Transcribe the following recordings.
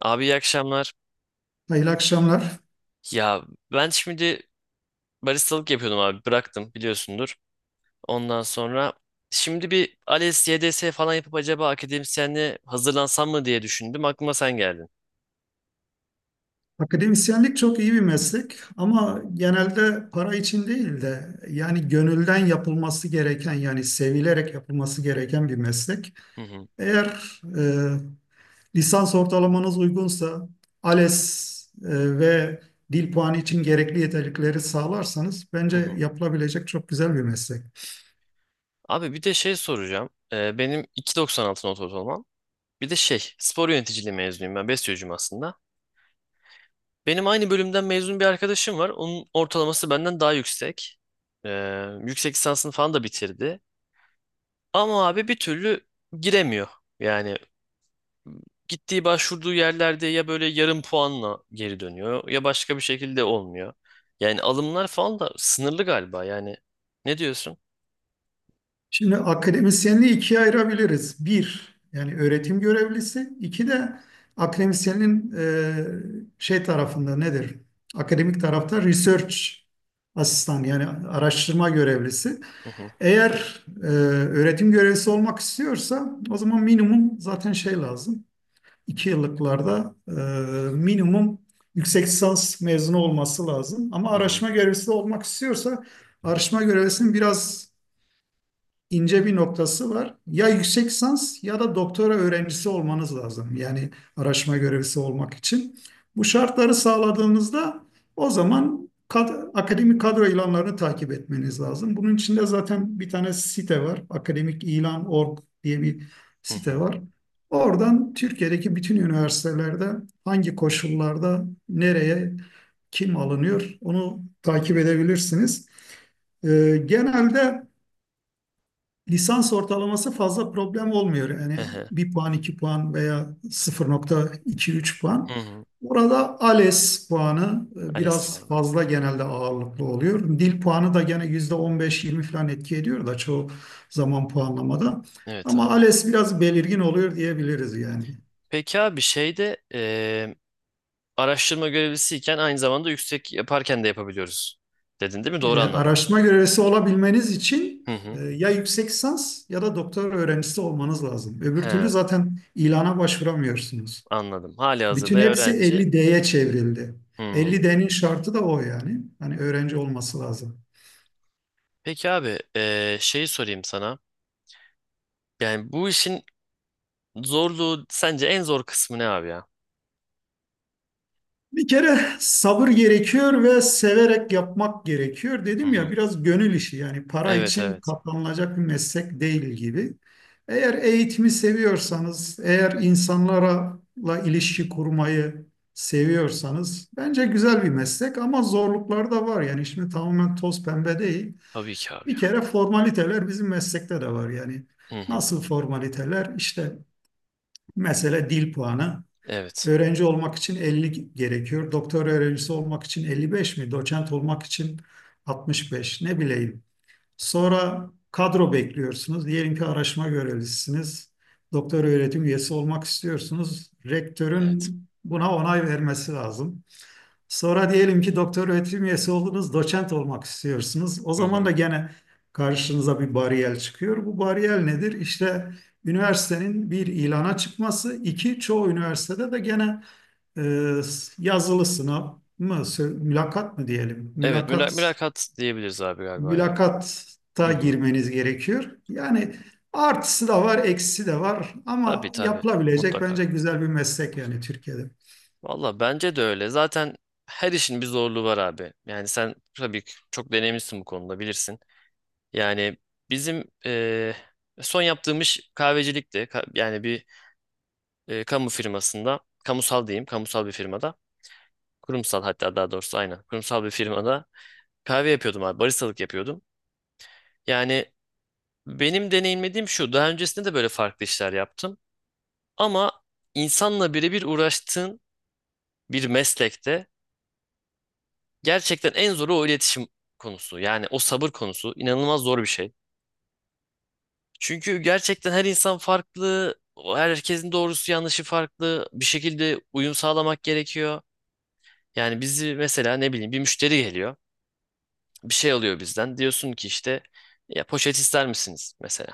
Abi iyi akşamlar. Hayırlı akşamlar. Ya ben şimdi baristalık yapıyordum abi bıraktım biliyorsundur. Ondan sonra şimdi bir ALES, YDS falan yapıp acaba akademisyenliğe hazırlansam mı diye düşündüm. Aklıma sen geldin. Akademisyenlik çok iyi bir meslek ama genelde para için değil de yani gönülden yapılması gereken yani sevilerek yapılması gereken bir meslek. Hı hı, Eğer lisans ortalamanız uygunsa ALES ve dil puanı için gerekli yeterlikleri sağlarsanız hı bence hı. yapılabilecek çok güzel bir meslek. Abi bir de şey soracağım. Benim 2,96 not ortalamam. Bir de şey spor yöneticiliği mezunuyum ben bestiyocuyum aslında. Benim aynı bölümden mezun bir arkadaşım var. Onun ortalaması benden daha yüksek. Ee, Yüksek lisansını falan da bitirdi. Ama abi bir türlü giremiyor. Yani gittiği başvurduğu yerlerde ya böyle yarım puanla geri dönüyor ya başka bir şekilde olmuyor. Yani alımlar falan da sınırlı galiba yani. Ne diyorsun? Şimdi akademisyenliği ikiye ayırabiliriz. Bir, yani öğretim görevlisi. İki de akademisyenin şey tarafında nedir? Akademik tarafta research asistan yani araştırma görevlisi. Hı hı Eğer öğretim görevlisi olmak istiyorsa o zaman minimum zaten şey lazım. 2 yıllıklarda minimum yüksek lisans mezunu olması lazım. Ama hı hı araştırma görevlisi de olmak istiyorsa araştırma görevlisinin biraz ince bir noktası var. Ya yüksek lisans ya da doktora öğrencisi olmanız lazım. Yani araştırma görevlisi olmak için. Bu şartları sağladığınızda o zaman akademik kadro ilanlarını takip etmeniz lazım. Bunun içinde zaten bir tane site var. akademikilan.org diye bir hı site hı var. Oradan Türkiye'deki bütün üniversitelerde hangi koşullarda nereye kim alınıyor onu takip edebilirsiniz. Genelde lisans ortalaması fazla problem olmuyor. Yani hı hı, bir puan, iki puan veya 0,2-3 hı puan. hı. Orada ALES puanı ALES biraz falan. fazla genelde ağırlıklı oluyor. Dil puanı da gene %15-20 falan etki ediyor da çoğu zaman puanlamada. Evet Ama abi. ALES biraz belirgin oluyor diyebiliriz yani. Peki abi şeyde araştırma görevlisiyken aynı zamanda yüksek yaparken de yapabiliyoruz. Dedin değil mi? Doğru anladım. Araştırma görevlisi olabilmeniz için Hı hı. ya yüksek lisans ya da doktora öğrencisi olmanız lazım. Öbür türlü He, zaten ilana başvuramıyorsunuz. anladım. Hali hazırda Bütün hepsi öğrenci. 50D'ye çevrildi. Hmm. 50D'nin şartı da o yani. Hani öğrenci olması lazım. Peki abi şeyi sorayım sana. Yani bu işin zorluğu sence en zor kısmı ne abi ya? Bir kere sabır gerekiyor ve severek yapmak gerekiyor. Hı Dedim hı. ya biraz gönül işi yani para Evet için evet. katlanılacak bir meslek değil gibi. Eğer eğitimi seviyorsanız, eğer insanlarla ilişki kurmayı seviyorsanız bence güzel bir meslek ama zorluklar da var. Yani şimdi tamamen toz pembe değil. Tabii ki abi Bir ya. kere formaliteler bizim meslekte de var yani. Hı hı. Nasıl formaliteler? İşte mesela dil puanı. Evet. Öğrenci olmak için 50 gerekiyor. Doktor öğrencisi olmak için 55 mi? Doçent olmak için 65 ne bileyim. Sonra kadro bekliyorsunuz. Diyelim ki araştırma görevlisiniz. Doktor öğretim üyesi olmak istiyorsunuz. Evet. Rektörün buna onay vermesi lazım. Sonra diyelim ki doktor öğretim üyesi oldunuz, doçent olmak istiyorsunuz. O Hı zaman hı. da gene karşınıza bir bariyer çıkıyor. Bu bariyer nedir? İşte üniversitenin bir ilana çıkması, iki çoğu üniversitede de gene e, yazılı sınav mı, mülakat mı diyelim? Evet mülakat diyebiliriz abi galiba ya. Hı Mülakatta hı. girmeniz gerekiyor. Yani artısı da var, eksisi de var Tabii ama tabii. yapılabilecek Mutlaka. bence güzel bir meslek yani Türkiye'de. Valla bence de öyle. Zaten her işin bir zorluğu var abi. Yani sen tabii ki çok deneyimlisin bu konuda bilirsin. Yani bizim son yaptığım iş kahvecilikti. Yani bir kamu firmasında, kamusal diyeyim, kamusal bir firmada. Kurumsal hatta daha doğrusu aynen. Kurumsal bir firmada kahve yapıyordum abi. Baristalık yapıyordum. Yani benim deneyimlediğim şu. Daha öncesinde de böyle farklı işler yaptım. Ama insanla birebir uğraştığın bir meslekte gerçekten en zoru o iletişim konusu. Yani o sabır konusu inanılmaz zor bir şey. Çünkü gerçekten her insan farklı. O herkesin doğrusu yanlışı farklı. Bir şekilde uyum sağlamak gerekiyor. Yani bizi mesela ne bileyim bir müşteri geliyor. Bir şey alıyor bizden. Diyorsun ki işte ya poşet ister misiniz mesela?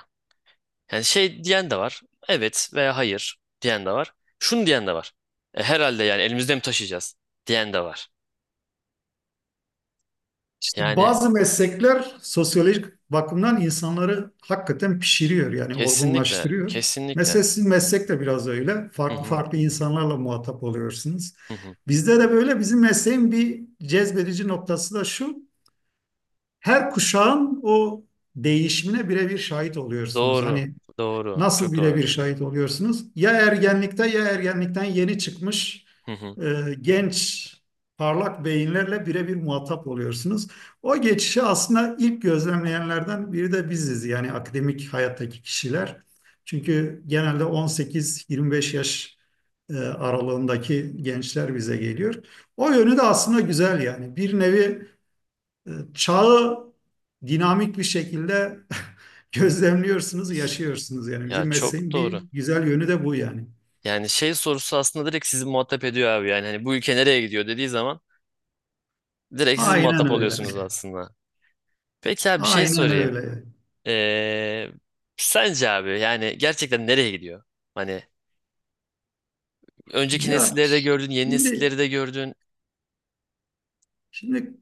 Yani şey diyen de var. Evet veya hayır diyen de var. Şunu diyen de var. Herhalde yani elimizde mi taşıyacağız diyen de var. İşte Yani bazı meslekler sosyolojik bakımdan insanları hakikaten pişiriyor yani kesinlikle, olgunlaştırıyor. kesinlikle. Mesela sizin meslek de biraz öyle. Hı Farklı hı, farklı insanlarla muhatap oluyorsunuz. hı hı. Bizde de böyle bizim mesleğin bir cezbedici noktası da şu. Her kuşağın o değişimine birebir şahit oluyorsunuz. Doğru, Hani doğru, nasıl çok doğru. birebir şahit oluyorsunuz? Ya ergenlikte ya ergenlikten yeni çıkmış Hı hı. Genç parlak beyinlerle birebir muhatap oluyorsunuz. O geçişi aslında ilk gözlemleyenlerden biri de biziz yani akademik hayattaki kişiler. Çünkü genelde 18-25 yaş aralığındaki gençler bize geliyor. O yönü de aslında güzel yani. Bir nevi çağı dinamik bir şekilde gözlemliyorsunuz, yaşıyorsunuz. Yani Ya bizim çok mesleğin bir doğru. güzel yönü de bu yani. Yani şey sorusu aslında direkt sizi muhatap ediyor abi. Yani hani bu ülke nereye gidiyor dediği zaman direkt siz Aynen muhatap öyle. oluyorsunuz aslında. Peki abi bir şey Aynen sorayım. öyle. Ee, Sence abi yani gerçekten nereye gidiyor? Hani önceki Ya nesilleri de gördün, yeni şimdi nesilleri de gördün. Şimdi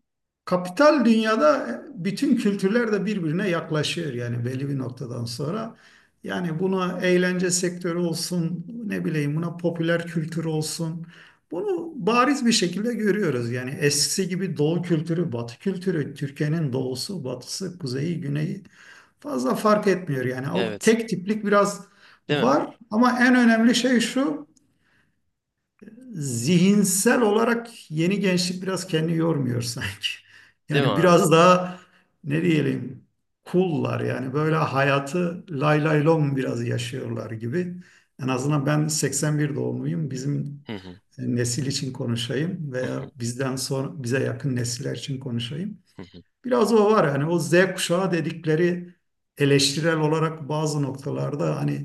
kapital dünyada bütün kültürler de birbirine yaklaşıyor yani belli bir noktadan sonra. Yani buna eğlence sektörü olsun, ne bileyim buna popüler kültür olsun. Bunu bariz bir şekilde görüyoruz. Yani eskisi gibi doğu kültürü, batı kültürü, Türkiye'nin doğusu, batısı, kuzeyi, güneyi fazla fark etmiyor. Yani o Evet. tek tiplik biraz Değil mi? var ama en önemli şey şu: zihinsel olarak yeni gençlik biraz kendini yormuyor sanki. Değil mi Yani abi? biraz daha ne diyelim kullar yani böyle hayatı lay lay lom biraz yaşıyorlar gibi. En azından ben 81 doğumluyum. Bizim Hı hı. Nesil için konuşayım Hı hı. veya bizden sonra bize yakın nesiller için konuşayım. Hı hı. Biraz o var hani o Z kuşağı dedikleri eleştirel olarak bazı noktalarda hani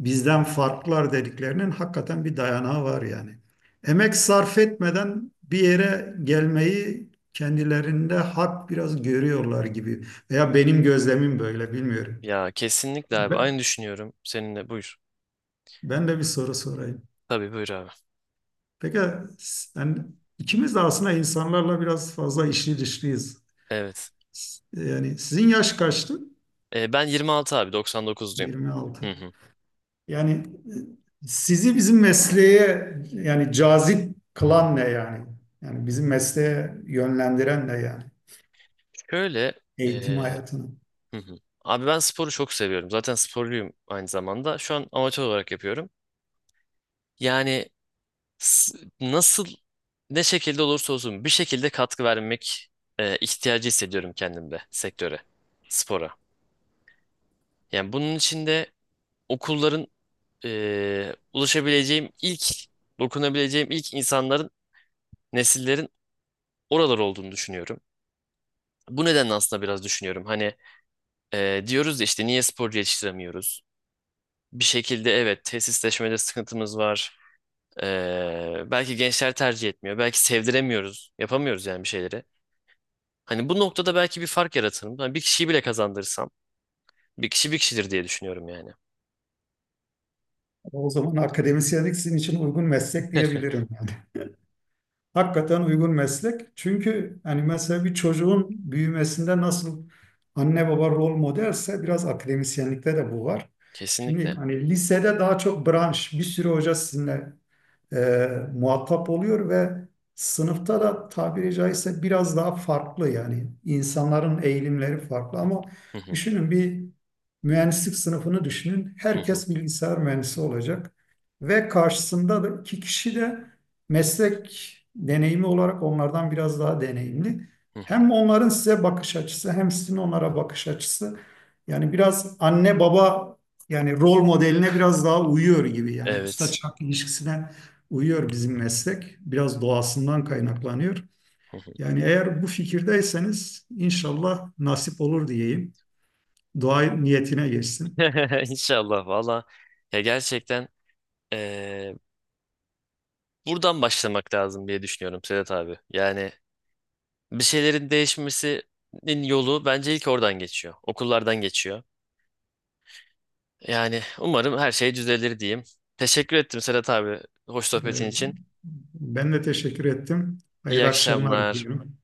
bizden farklılar dediklerinin hakikaten bir dayanağı var yani. Emek sarf etmeden bir yere gelmeyi kendilerinde hak biraz görüyorlar gibi veya benim gözlemim böyle bilmiyorum. Ya kesinlikle abi. Aynı Ben, düşünüyorum seninle. Buyur. ben de bir soru sorayım. Tabii buyur abi. Peki sen, ikimiz de aslında insanlarla biraz fazla içli dışlıyız. Evet. Yani sizin yaş kaçtı? Ben 26 abi. 99'luyum. 26. Hı hı. Yani sizi bizim mesleğe yani cazip kılan ne yani? Yani bizim mesleğe yönlendiren ne yani? Şöyle Eğitim hayatını. hı hı. Abi ben sporu çok seviyorum. Zaten sporluyum aynı zamanda. Şu an amatör olarak yapıyorum. Yani s- nasıl ne şekilde olursa olsun bir şekilde katkı vermek ihtiyacı hissediyorum kendimde sektöre, spora. Yani bunun için de okulların ulaşabileceğim ilk, dokunabileceğim ilk insanların, nesillerin oralar olduğunu düşünüyorum. Bu nedenle aslında biraz düşünüyorum. Hani diyoruz ya işte niye sporcu yetiştiremiyoruz? Bir şekilde evet tesisleşmede sıkıntımız var. Belki gençler tercih etmiyor. Belki sevdiremiyoruz. Yapamıyoruz yani bir şeyleri. Hani bu noktada belki bir fark yaratırım. Hani bir kişiyi bile kazandırsam bir kişi bir kişidir diye düşünüyorum yani. O zaman akademisyenlik sizin için uygun meslek diyebilirim yani. Hakikaten uygun meslek. Çünkü hani mesela bir çocuğun büyümesinde nasıl anne baba rol modelse biraz akademisyenlikte de bu var. Şimdi Kesinlikle. hani lisede daha çok branş, bir sürü hoca sizinle e, muhatap oluyor ve sınıfta da tabiri caizse biraz daha farklı yani insanların eğilimleri farklı ama Hı hı, düşünün bir mühendislik sınıfını düşünün. hı hı, Herkes bilgisayar mühendisi olacak ve karşısında da iki kişi de meslek deneyimi olarak onlardan biraz daha deneyimli. hı hı. Hem onların size bakış açısı hem sizin onlara bakış açısı yani biraz anne baba yani rol modeline biraz daha uyuyor gibi yani usta Evet. çırak ilişkisine uyuyor bizim meslek. Biraz doğasından kaynaklanıyor. Yani eğer bu fikirdeyseniz inşallah nasip olur diyeyim. Dua niyetine geçsin. İnşallah valla. Ya gerçekten eee, buradan başlamak lazım diye düşünüyorum Sedat abi. Yani bir şeylerin değişmesinin yolu bence ilk oradan geçiyor. Okullardan geçiyor. Yani umarım her şey düzelir diyeyim. Teşekkür ettim Sedat abi. Hoş sohbetin Ee, için. Ben de teşekkür ettim. İyi Hayırlı akşamlar akşamlar. diliyorum.